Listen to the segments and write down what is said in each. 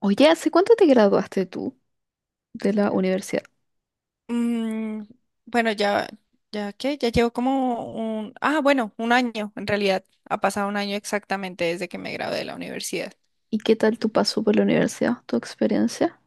Oye, ¿hace cuánto te graduaste tú de la universidad? Mm, bueno, ya, ya que ya llevo como un, bueno, un año, en realidad ha pasado un año exactamente desde que me gradué de la universidad. ¿Y qué tal tu paso por la universidad, tu experiencia?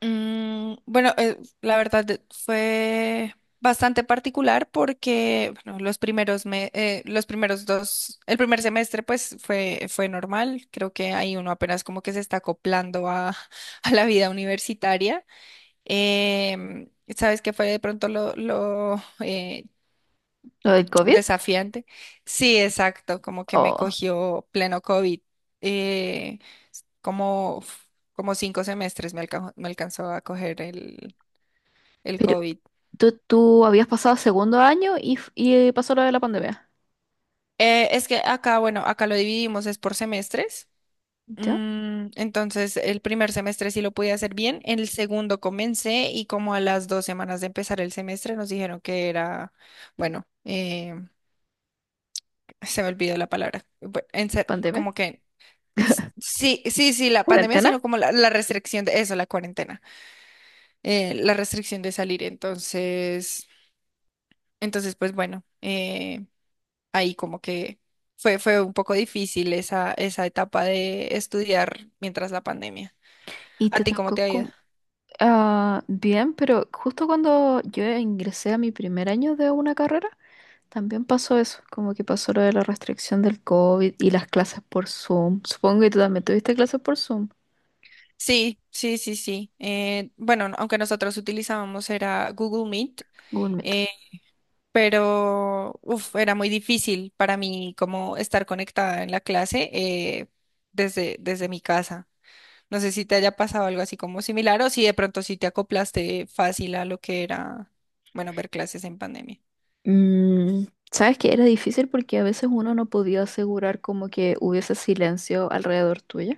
Bueno, la verdad, fue bastante particular porque, bueno, los primeros los primeros dos, el primer semestre pues fue normal, creo que ahí uno apenas como que se está acoplando a, a la vida universitaria. Em, ¿Sabes qué fue de pronto lo ¿Lo del COVID? desafiante? Sí, exacto, como que me Oh, cogió pleno COVID. eh, como, como 5 semestres me alcanzó a coger el pero COVID. tú habías pasado segundo año y, pasó lo de la pandemia. Es que bueno, acá lo dividimos, es por semestres. ¿Ya? Entonces, el primer semestre sí lo pude hacer bien, el segundo comencé y como a las 2 semanas de empezar el semestre nos dijeron que era, bueno, se me olvidó la palabra, ¿Pandemia? como que, sí, sí, sí, la pandemia, sino ¿Cuarentena? como la restricción de eso, la cuarentena, la restricción de salir. Entonces, pues bueno, ahí como que fue un poco difícil esa etapa de estudiar mientras la pandemia. Y ¿A te ti cómo te tocó ha ido? con... Ah, bien, pero justo cuando yo ingresé a mi primer año de una carrera, también pasó eso, como que pasó lo de la restricción del COVID y las clases por Zoom. Supongo que tú también tuviste clases por Zoom, Sí, sí, sí, sí. Bueno, aunque nosotros utilizábamos era Google Meet. Google Meet. Eh, pero uf, era muy difícil para mí como estar conectada en la clase, desde mi casa. No sé si te haya pasado algo así como similar o si de pronto sí te acoplaste fácil a lo que era, bueno, ver clases en pandemia. Mm, sabes que era difícil porque a veces uno no podía asegurar como que hubiese silencio alrededor tuyo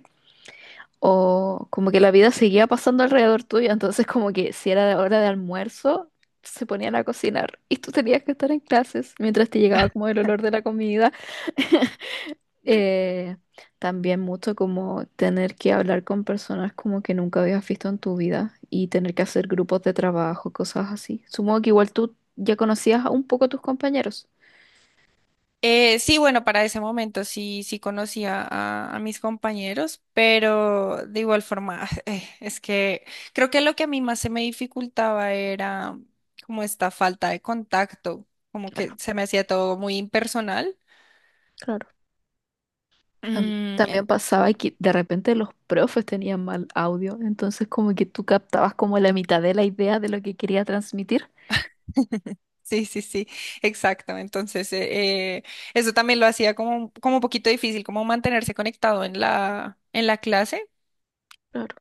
o como que la vida seguía pasando alrededor tuyo, entonces como que si era la hora de almuerzo se ponían a cocinar y tú tenías que estar en clases mientras te llegaba como el olor de la comida. Eh, también mucho como tener que hablar con personas como que nunca habías visto en tu vida y tener que hacer grupos de trabajo, cosas así. Supongo que igual tú ya conocías a un poco a tus compañeros. Sí, bueno, para ese momento sí, sí conocía a mis compañeros, pero de igual forma, es que creo que lo que a mí más se me dificultaba era como esta falta de contacto, como que Claro. se me hacía todo muy impersonal. Claro. Mm, También pasaba que de repente los profes tenían mal audio, entonces como que tú captabas como la mitad de la idea de lo que quería transmitir. sí, sí, sí, exacto. Entonces, eso también lo hacía como un poquito difícil, como mantenerse conectado en la clase Claro.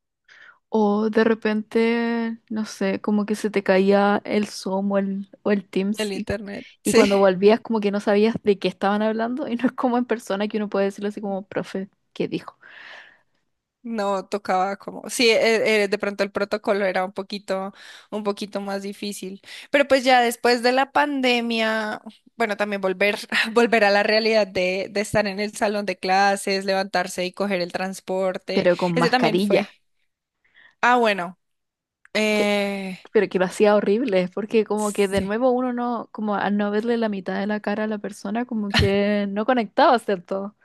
O de repente, no sé, como que se te caía el Zoom o el Teams del internet. y cuando Sí, volvías como que no sabías de qué estaban hablando y no es como en persona que uno puede decirlo así como, profe, ¿qué dijo? no tocaba como, sí, de pronto el protocolo era un poquito más difícil. Pero pues ya después de la pandemia, bueno, también volver, volver a la realidad de estar en el salón de clases, levantarse y coger el transporte, Pero con ese también fue. mascarilla. Ah, bueno. Que, Eh, pero que lo hacía horrible, porque como que de sí. nuevo uno no, como al no verle la mitad de la cara a la persona, como que no conectaba, ¿cierto?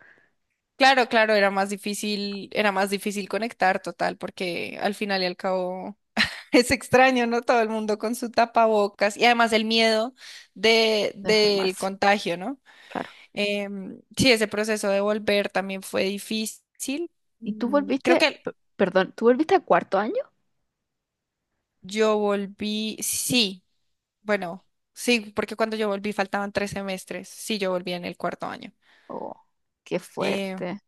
Claro, claro, era más difícil conectar, total, porque al final y al cabo es extraño, ¿no? Todo el mundo con su tapabocas y además el miedo de, De del enfermarse, contagio, ¿no? claro. Sí, ese proceso de volver también fue difícil. ¿Y tú Creo volviste, que perdón, tú volviste a cuarto año? yo volví, sí, bueno, sí, porque cuando yo volví faltaban 3 semestres, sí, yo volví en el cuarto año. Oh, qué Eh, fuerte.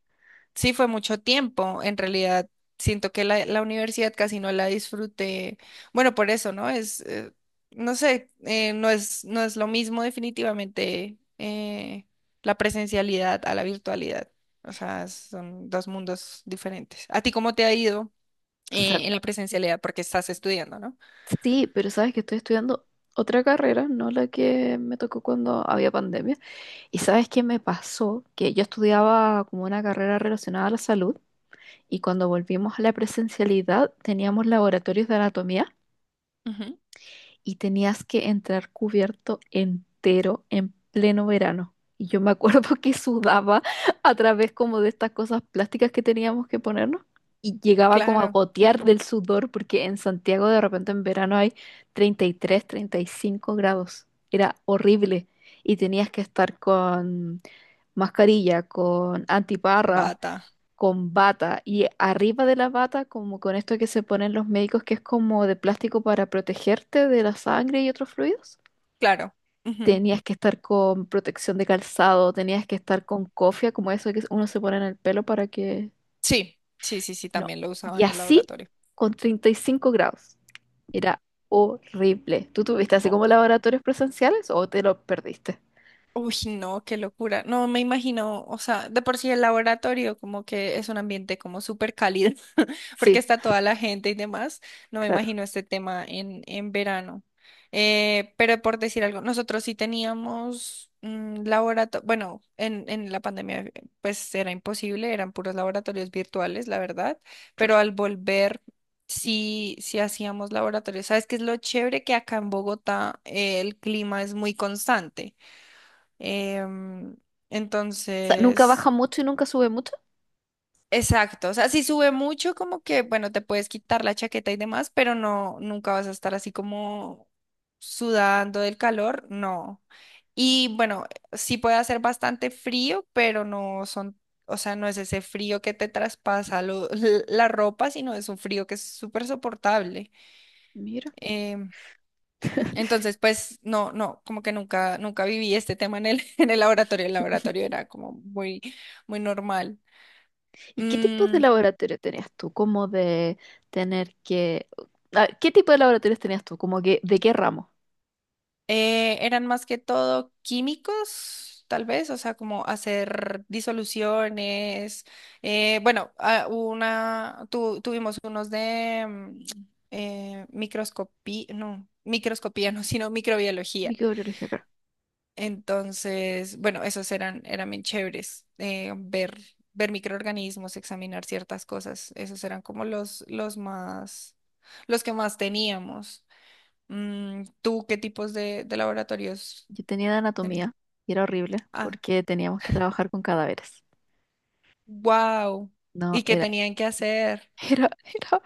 sí fue mucho tiempo, en realidad siento que la universidad casi no la disfruté, bueno, por eso, ¿no? No sé, no es lo mismo definitivamente, la presencialidad a la virtualidad, o sea, son dos mundos diferentes. ¿A ti cómo te ha ido, O sea, en la presencialidad? Porque estás estudiando, ¿no? sí, pero sabes que estoy estudiando otra carrera, no la que me tocó cuando había pandemia. Y sabes qué me pasó, que yo estudiaba como una carrera relacionada a la salud y cuando volvimos a la presencialidad teníamos laboratorios de anatomía. Ujú. Y tenías que entrar cubierto entero en pleno verano. Y yo me acuerdo que sudaba a través como de estas cosas plásticas que teníamos que ponernos y llegaba como a Claro. gotear del sudor porque en Santiago de repente en verano hay 30, 33, 35 grados. Era horrible y tenías que estar con mascarilla, con antiparras Bata, con bata y arriba de la bata como con esto que se ponen los médicos que es como de plástico para protegerte de la sangre y otros fluidos. claro. Ujú. Tenías que estar con protección de calzado, tenías que estar con cofia, como eso que uno se pone en el pelo para que... Sí, sí, sí, sí, No. también lo usaba Y en el así laboratorio. con 35 grados. Era horrible. ¿Tú tuviste así Oh. como laboratorios presenciales o te lo perdiste? Uy, no, qué locura. No me imagino, o sea, de por sí el laboratorio como que es un ambiente como súper cálido, porque Sí, está toda la gente y demás. No me claro. imagino este tema en verano. Pero por decir algo, nosotros sí teníamos laboratorio, bueno, en la pandemia, pues era imposible, eran puros laboratorios virtuales, la verdad, pero al volver. Sí, sí hacíamos laboratorios. ¿Sabes qué es lo chévere? Que acá en Bogotá, el clima es muy constante. Em, O sea, nunca baja entonces, mucho y nunca sube mucho. exacto. O sea, si sube mucho, como que, bueno, te puedes quitar la chaqueta y demás, pero no, nunca vas a estar así como sudando del calor, no. Y bueno, sí puede hacer bastante frío, pero no son, o sea, no es ese frío que te traspasa la ropa, sino es un frío que es súper soportable. Mira. Em, Entonces, pues no, no, como que nunca, nunca viví este tema en el, en el laboratorio. El laboratorio era como muy, muy normal. ¿Y qué tipo de Mm, laboratorio tenías tú? Como de tener que... A ver, ¿qué tipo de laboratorios tenías tú? Como que, ¿de qué ramo? Eran más que todo químicos, tal vez, o sea, como hacer disoluciones. Bueno, tuvimos unos de microscopía, no, microscopía, no, sino microbiología. Microbiología, claro. Entonces, bueno, esos eran bien chéveres, ver microorganismos, examinar ciertas cosas, esos eran como los más, los que más teníamos. ¿Tú qué tipos de laboratorios Yo tenía de tenías? anatomía y era horrible Ah, porque teníamos que trabajar con cadáveres. wow. No, ¿Y qué era... tenían que hacer? Era... era...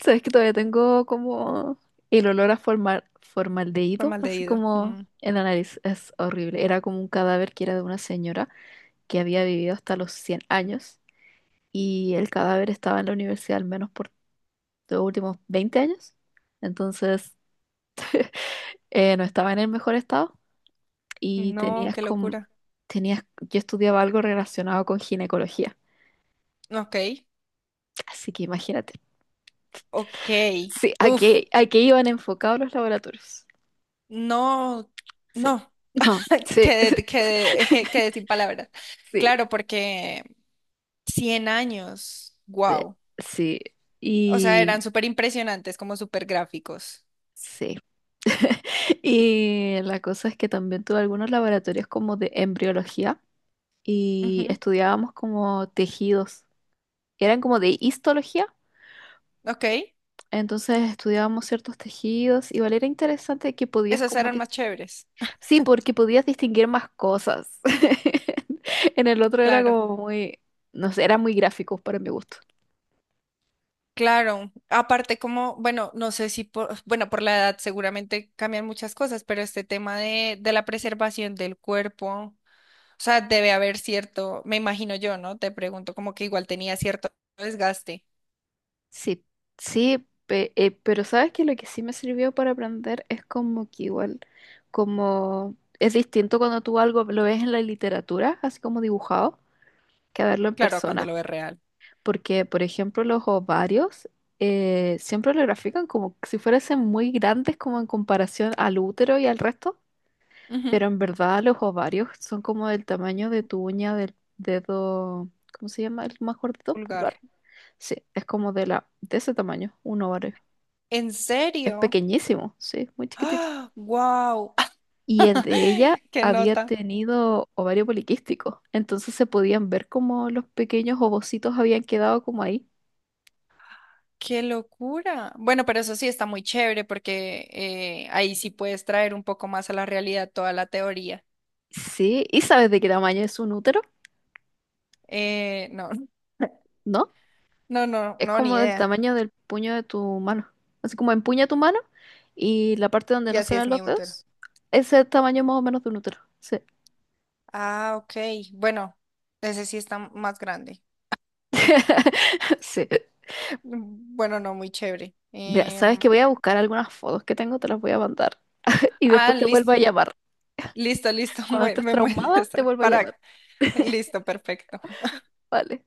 ¿Sabes que todavía tengo como el olor a formaldehído? Así Formaldehído. como Mm, en la nariz. Es horrible. Era como un cadáver que era de una señora que había vivido hasta los 100 años y el cadáver estaba en la universidad al menos por de los últimos 20 años. Entonces, no estaba en el mejor estado y no, tenías qué con, locura. tenías, yo estudiaba algo relacionado con ginecología. Ok, Así que imagínate. ok. Sí, Uf, a qué iban enfocados los laboratorios. no, Sí. no. No, sí, Quedé sin palabras. sí, Claro, porque 100 años. sí. Wow. Sí. O sea, Y eran súper impresionantes, como súper gráficos. sí. Y la cosa es que también tuve algunos laboratorios como de embriología y Ujú. estudiábamos como tejidos. Eran como de histología. Ok, Entonces estudiábamos ciertos tejidos, igual era interesante que podías esas como... eran más chéveres. Sí, porque podías distinguir más cosas. En el otro era Claro, como muy... No sé, era muy gráfico para mi gusto. claro. Aparte, como, bueno, no sé si por, bueno, por la edad seguramente cambian muchas cosas, pero este tema de la preservación del cuerpo, o sea, debe haber cierto, me imagino yo, ¿no? Te pregunto, como que igual tenía cierto desgaste. Sí, sí, pero sabes que lo que sí me sirvió para aprender es como que igual, como... Es distinto cuando tú algo lo ves en la literatura, así como dibujado, que verlo en Claro, a cuando persona. lo ves real. Porque, por ejemplo, los ovarios siempre lo grafican como si fuesen muy grandes como en comparación al útero y al resto, Ujú. pero en verdad los ovarios son como del tamaño de tu uña del dedo, ¿cómo se llama? El más gordito, Pulgar. pulgar. Sí, es como de la, de ese tamaño, un ovario. ¿En Es serio? pequeñísimo, sí, muy chiquitito. ¡Ah! ¡Wow! Y el de ella ¡Qué había nota! tenido ovario poliquístico, entonces se podían ver como los pequeños ovocitos habían quedado como ahí. Qué locura. Bueno, pero eso sí está muy chévere porque, ahí sí puedes traer un poco más a la realidad toda la teoría. Sí, ¿y sabes de qué tamaño es un útero? No, ¿No? no, no, Es no, ni como del idea. tamaño del puño de tu mano. Así como empuña tu mano y la parte donde Y no se así es ven mi los útero. dedos, ese es el tamaño más o menos de un útero. Sí. Ah, ok. Bueno, ese sí está más grande. Sí. Bueno, no, muy chévere. Mira, sabes que voy a buscar algunas fotos que tengo, te las voy a mandar y después te vuelvo Listo, a llamar. listo, listo. Cuando Me, estés me traumada, muestras. te vuelvo a llamar. Para. Listo, perfecto. Vale.